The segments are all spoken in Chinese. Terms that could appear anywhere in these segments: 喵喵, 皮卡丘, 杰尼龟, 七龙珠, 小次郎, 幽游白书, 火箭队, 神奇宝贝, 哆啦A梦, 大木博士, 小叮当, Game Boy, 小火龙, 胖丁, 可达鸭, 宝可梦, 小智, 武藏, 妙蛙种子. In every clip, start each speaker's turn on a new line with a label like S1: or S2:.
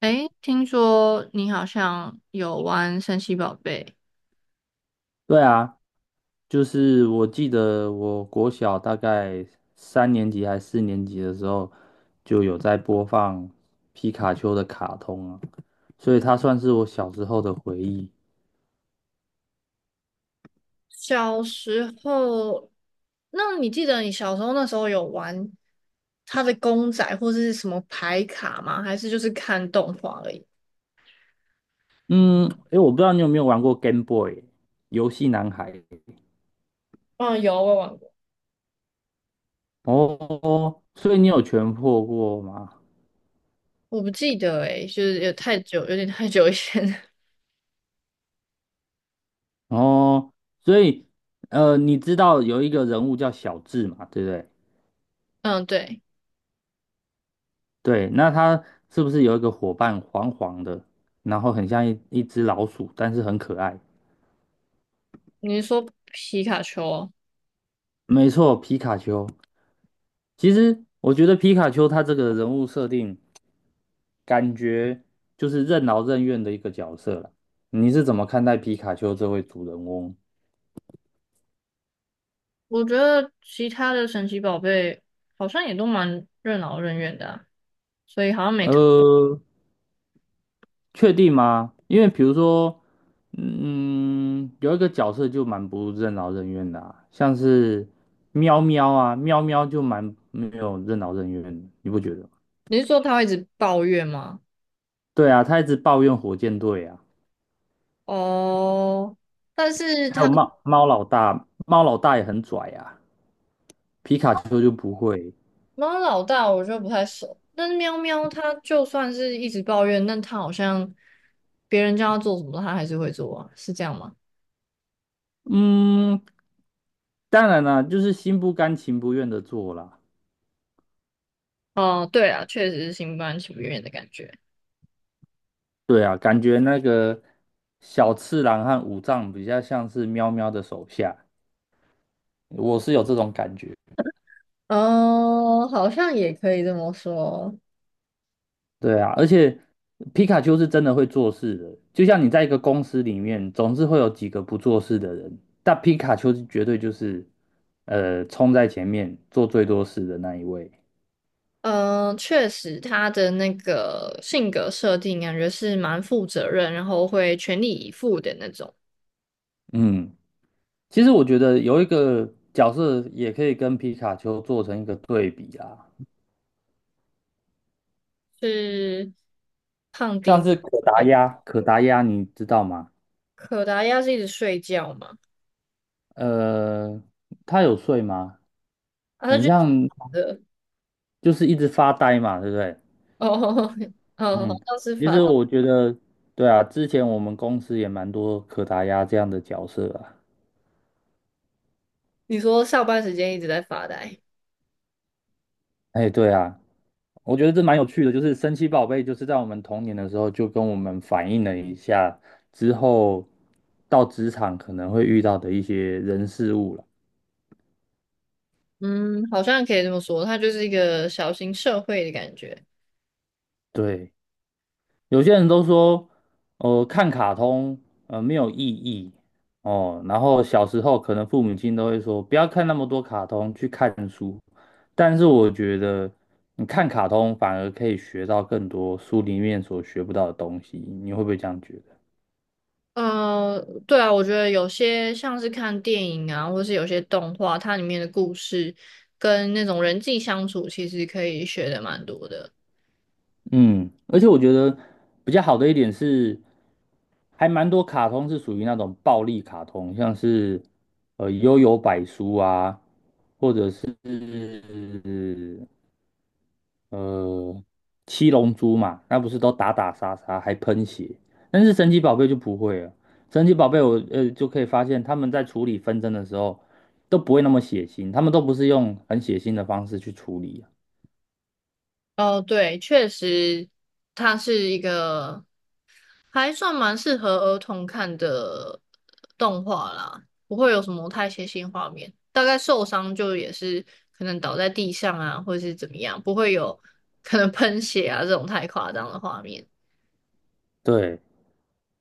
S1: 诶，听说你好像有玩神奇宝贝，
S2: 对啊，就是我记得我国小大概三年级还四年级的时候，就有在播放皮卡丘的卡通啊，所以它算是我小时候的回忆。
S1: 小时候，那你记得你小时候那时候有玩他的公仔或者是什么牌卡吗？还是就是看动画而已？
S2: 嗯，诶，我不知道你有没有玩过 Game Boy 游戏男孩
S1: 嗯，有，我有玩过。
S2: 哦，所以你有全破过吗？
S1: 我不记得诶、就是有太久，有点太久以前了。
S2: 哦，所以你知道有一个人物叫小智嘛，对不对？
S1: 嗯，对，
S2: 对，那他是不是有一个伙伴黄黄的，然后很像一只老鼠，但是很可爱？
S1: 你是说皮卡丘哦。
S2: 没错，皮卡丘。其实我觉得皮卡丘它这个人物设定，感觉就是任劳任怨的一个角色了。你是怎么看待皮卡丘这位主人翁？
S1: 我觉得其他的神奇宝贝好像也都蛮任劳任怨的啊，所以好像没特。
S2: 呃，确定吗？因为比如说，有一个角色就蛮不任劳任怨的啊像是喵喵啊，喵喵就蛮没有任劳任怨的，你不觉得吗？
S1: 你是说他会一直抱怨吗？
S2: 对啊，他一直抱怨火箭队啊，
S1: 哦，但是
S2: 还有
S1: 他
S2: 猫猫老大，猫老大也很拽啊，皮卡丘就不会。
S1: 猫老大我就不太熟。但是喵喵它就算是一直抱怨，但它好像别人叫它做什么，它还是会做啊，是这样吗？
S2: 嗯，当然啦，就是心不甘情不愿的做啦。
S1: 哦，对啊，确实是心不甘情不愿的感觉。
S2: 对啊，感觉那个小次郎和武藏比较像是喵喵的手下，我是有这种感觉。
S1: 哦，好像也可以这么说。
S2: 对啊，而且皮卡丘是真的会做事的，就像你在一个公司里面，总是会有几个不做事的人，但皮卡丘是绝对就是，冲在前面做最多事的那一位。
S1: 嗯，确实，它的那个性格设定感觉是蛮负责任，然后会全力以赴的那种。
S2: 嗯，其实我觉得有一个角色也可以跟皮卡丘做成一个对比啦，
S1: 是胖
S2: 像
S1: 丁，
S2: 是可达鸭，可达鸭你知道吗？
S1: 可达鸭是一直睡觉嘛？
S2: 呃，它有睡吗？
S1: 啊，他
S2: 很
S1: 就
S2: 像
S1: 的
S2: 就是一直发呆嘛，对不对？
S1: 哦。哦，好
S2: 嗯，
S1: 像是
S2: 其
S1: 发
S2: 实
S1: 呆。
S2: 我觉得，对啊，之前我们公司也蛮多可达鸭这样的角色啊。
S1: 你说上班时间一直在发呆，
S2: 哎，对啊，我觉得这蛮有趣的，就是神奇宝贝，就是在我们童年的时候就跟我们反映了一下之后到职场可能会遇到的一些人事物了。
S1: 嗯，好像可以这么说，它就是一个小型社会的感觉。
S2: 对。有些人都说，看卡通，没有意义哦。然后小时候可能父母亲都会说，不要看那么多卡通，去看书。但是我觉得，你看卡通反而可以学到更多书里面所学不到的东西。你会不会这样觉得？
S1: 嗯，对啊，我觉得有些像是看电影啊，或是有些动画，它里面的故事跟那种人际相处，其实可以学的蛮多的。
S2: 嗯，而且我觉得比较好的一点是，还蛮多卡通是属于那种暴力卡通，像是《幽游白书》啊。是呃，七龙珠嘛，那不是都打打杀杀还喷血，但是神奇宝贝就不会了。神奇宝贝我就可以发现他们在处理纷争的时候都不会那么血腥，他们都不是用很血腥的方式去处理啊。
S1: 哦，对，确实，它是一个。还算蛮适合儿童看的动画啦，不会有什么太血腥画面。大概受伤就也是可能倒在地上啊，或者是怎么样，不会有可能喷血啊这种太夸张的画面。
S2: 对，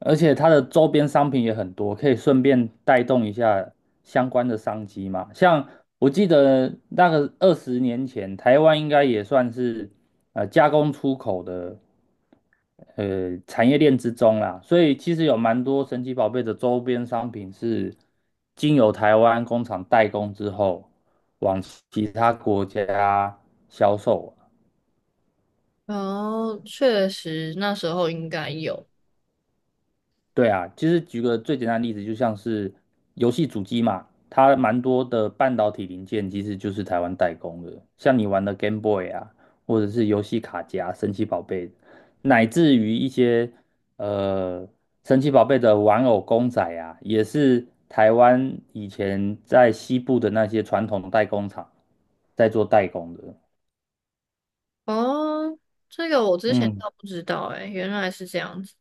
S2: 而且它的周边商品也很多，可以顺便带动一下相关的商机嘛。像我记得那个20年前，台湾应该也算是加工出口的。产业链之中啦，所以其实有蛮多神奇宝贝的周边商品是经由台湾工厂代工之后，往其他国家销售。
S1: 哦，确实那时候应该有。
S2: 对啊，其实举个最简单的例子，就像是游戏主机嘛，它蛮多的半导体零件其实就是台湾代工的。像你玩的 Game Boy 啊，或者是游戏卡夹、神奇宝贝，乃至于一些呃神奇宝贝的玩偶公仔啊，也是台湾以前在西部的那些传统代工厂在做代工的。
S1: 哦，这个我之前
S2: 嗯，
S1: 倒不知道诶，原来是这样子。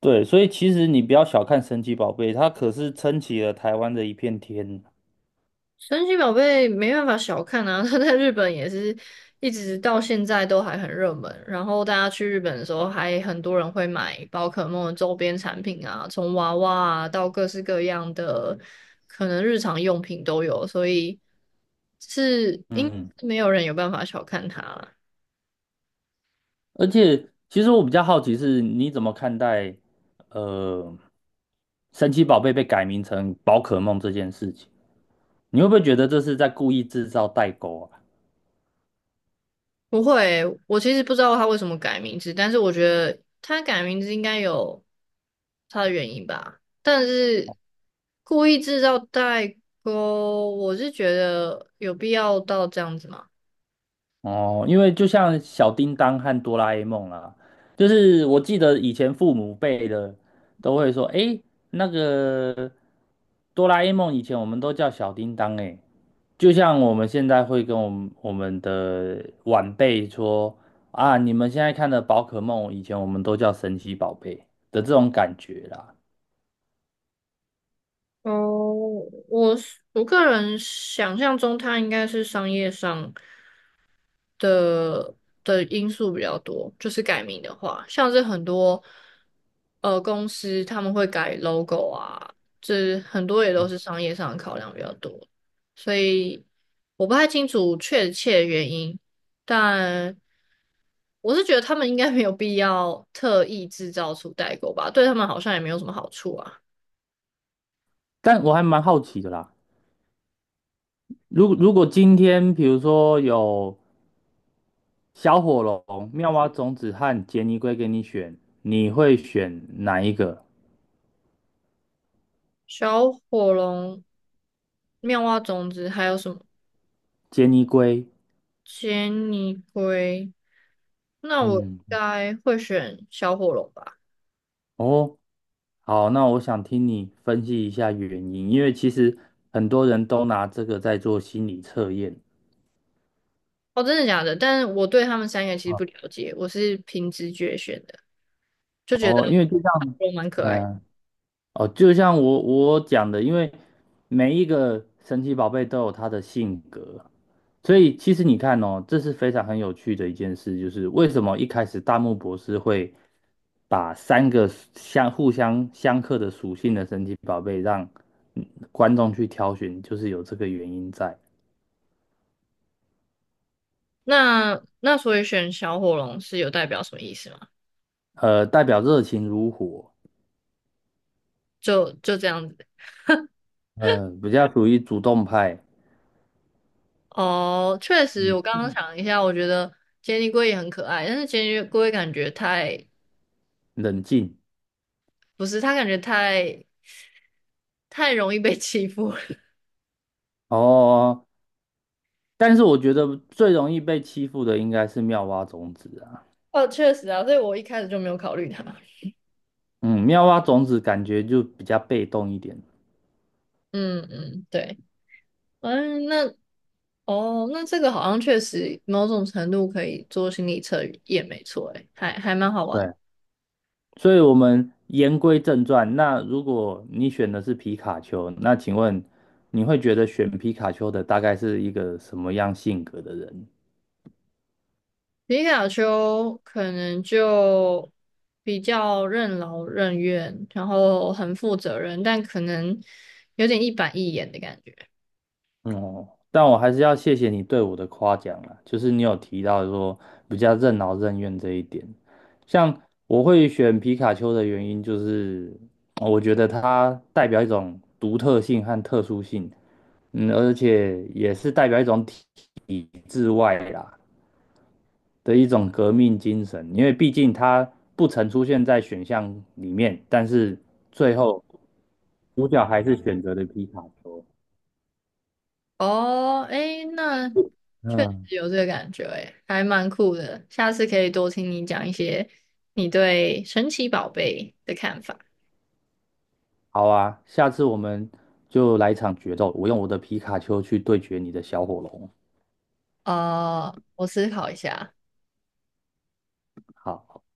S2: 对，所以其实你不要小看神奇宝贝，它可是撑起了台湾的一片天。
S1: 神奇宝贝没办法小看啊，它在日本也是一直到现在都还很热门。然后大家去日本的时候，还很多人会买宝可梦的周边产品啊，从娃娃啊到各式各样的可能日常用品都有，所以是应
S2: 嗯。
S1: 没有人有办法小看它啦。
S2: 而且，其实我比较好奇是，你怎么看待呃，神奇宝贝被改名成宝可梦这件事情？你会不会觉得这是在故意制造代沟啊？
S1: 不会，我其实不知道他为什么改名字，但是我觉得他改名字应该有他的原因吧。但是故意制造代沟，我是觉得有必要到这样子吗？
S2: 哦，因为就像小叮当和哆啦 A 梦啦，就是我记得以前父母辈的都会说，诶，那个哆啦 A 梦以前我们都叫小叮当，诶。就像我们现在会跟我们的晚辈说啊，你们现在看的宝可梦，以前我们都叫神奇宝贝的这种感觉啦。
S1: 哦，我是我个人想象中，他应该是商业上。的的因素比较多，就是改名的话，像是很多公司他们会改 logo 啊，这很多也都是商业上的考量比较多，所以我不太清楚确切的原因，但我是觉得他们应该没有必要特意制造出代购吧，对他们好像也没有什么好处啊。
S2: 但我还蛮好奇的啦，如果今天比如说有小火龙、妙蛙种子和杰尼龟给你选，你会选哪一个？
S1: 小火龙、妙蛙种子还有什么？
S2: 杰尼龟，
S1: 杰尼龟，那我应
S2: 嗯，
S1: 该会选小火龙吧？
S2: 哦，好，那我想听你分析一下原因，因为其实很多人都拿这个在做心理测验。
S1: 哦，真的假的？但是我对他们三个其实不了解，我是凭直觉选的，就觉得
S2: 哦，因为就像，
S1: 小火龙蛮可
S2: 哎
S1: 爱的。
S2: 呀，哦，就像我讲的，因为每一个神奇宝贝都有它的性格，所以其实你看哦，这是非常很有趣的一件事，就是为什么一开始大木博士会把三个相互相克的属性的神奇宝贝让嗯观众去挑选，就是有这个原因在。
S1: 那那所以选小火龙是有代表什么意思吗？
S2: 代表热情如火，
S1: 就就这样子。
S2: 比较属于主动派，
S1: 哦，确实，我刚刚想了一下，我觉得杰尼龟也很可爱，但是杰尼龟感觉太，
S2: 冷静。
S1: 不是，它感觉太容易被欺负了。
S2: 哦，但是我觉得最容易被欺负的应该是妙蛙种子啊，
S1: 哦，确实啊，所以我一开始就没有考虑它。
S2: 嗯，妙蛙种子感觉就比较被动一点。
S1: 嗯嗯，对。嗯，那哦，那这个好像确实某种程度可以做心理测验，没错，诶，还蛮好玩。
S2: 对，所以我们言归正传，那如果你选的是皮卡丘，那请问你会觉得选皮卡丘的大概是一个什么样性格的人？
S1: 皮卡丘可能就比较任劳任怨，然后很负责任，但可能有点一板一眼的感觉。
S2: 哦，但我还是要谢谢你对我的夸奖啦，就是你有提到说比较任劳任怨这一点。像我会选皮卡丘的原因，就是我觉得它代表一种独特性和特殊性，而且也是代表一种体制外啦的一种革命精神，因为毕竟它不曾出现在选项里面，但是最后主角还是选择了皮卡丘。
S1: 哦，诶，那确
S2: 嗯，
S1: 实有这个感觉，诶，还蛮酷的。下次可以多听你讲一些你对神奇宝贝的看法。
S2: 好啊，下次我们就来一场决斗，我用我的皮卡丘去对决你的小火龙。
S1: 呃，我思考一下。
S2: 好。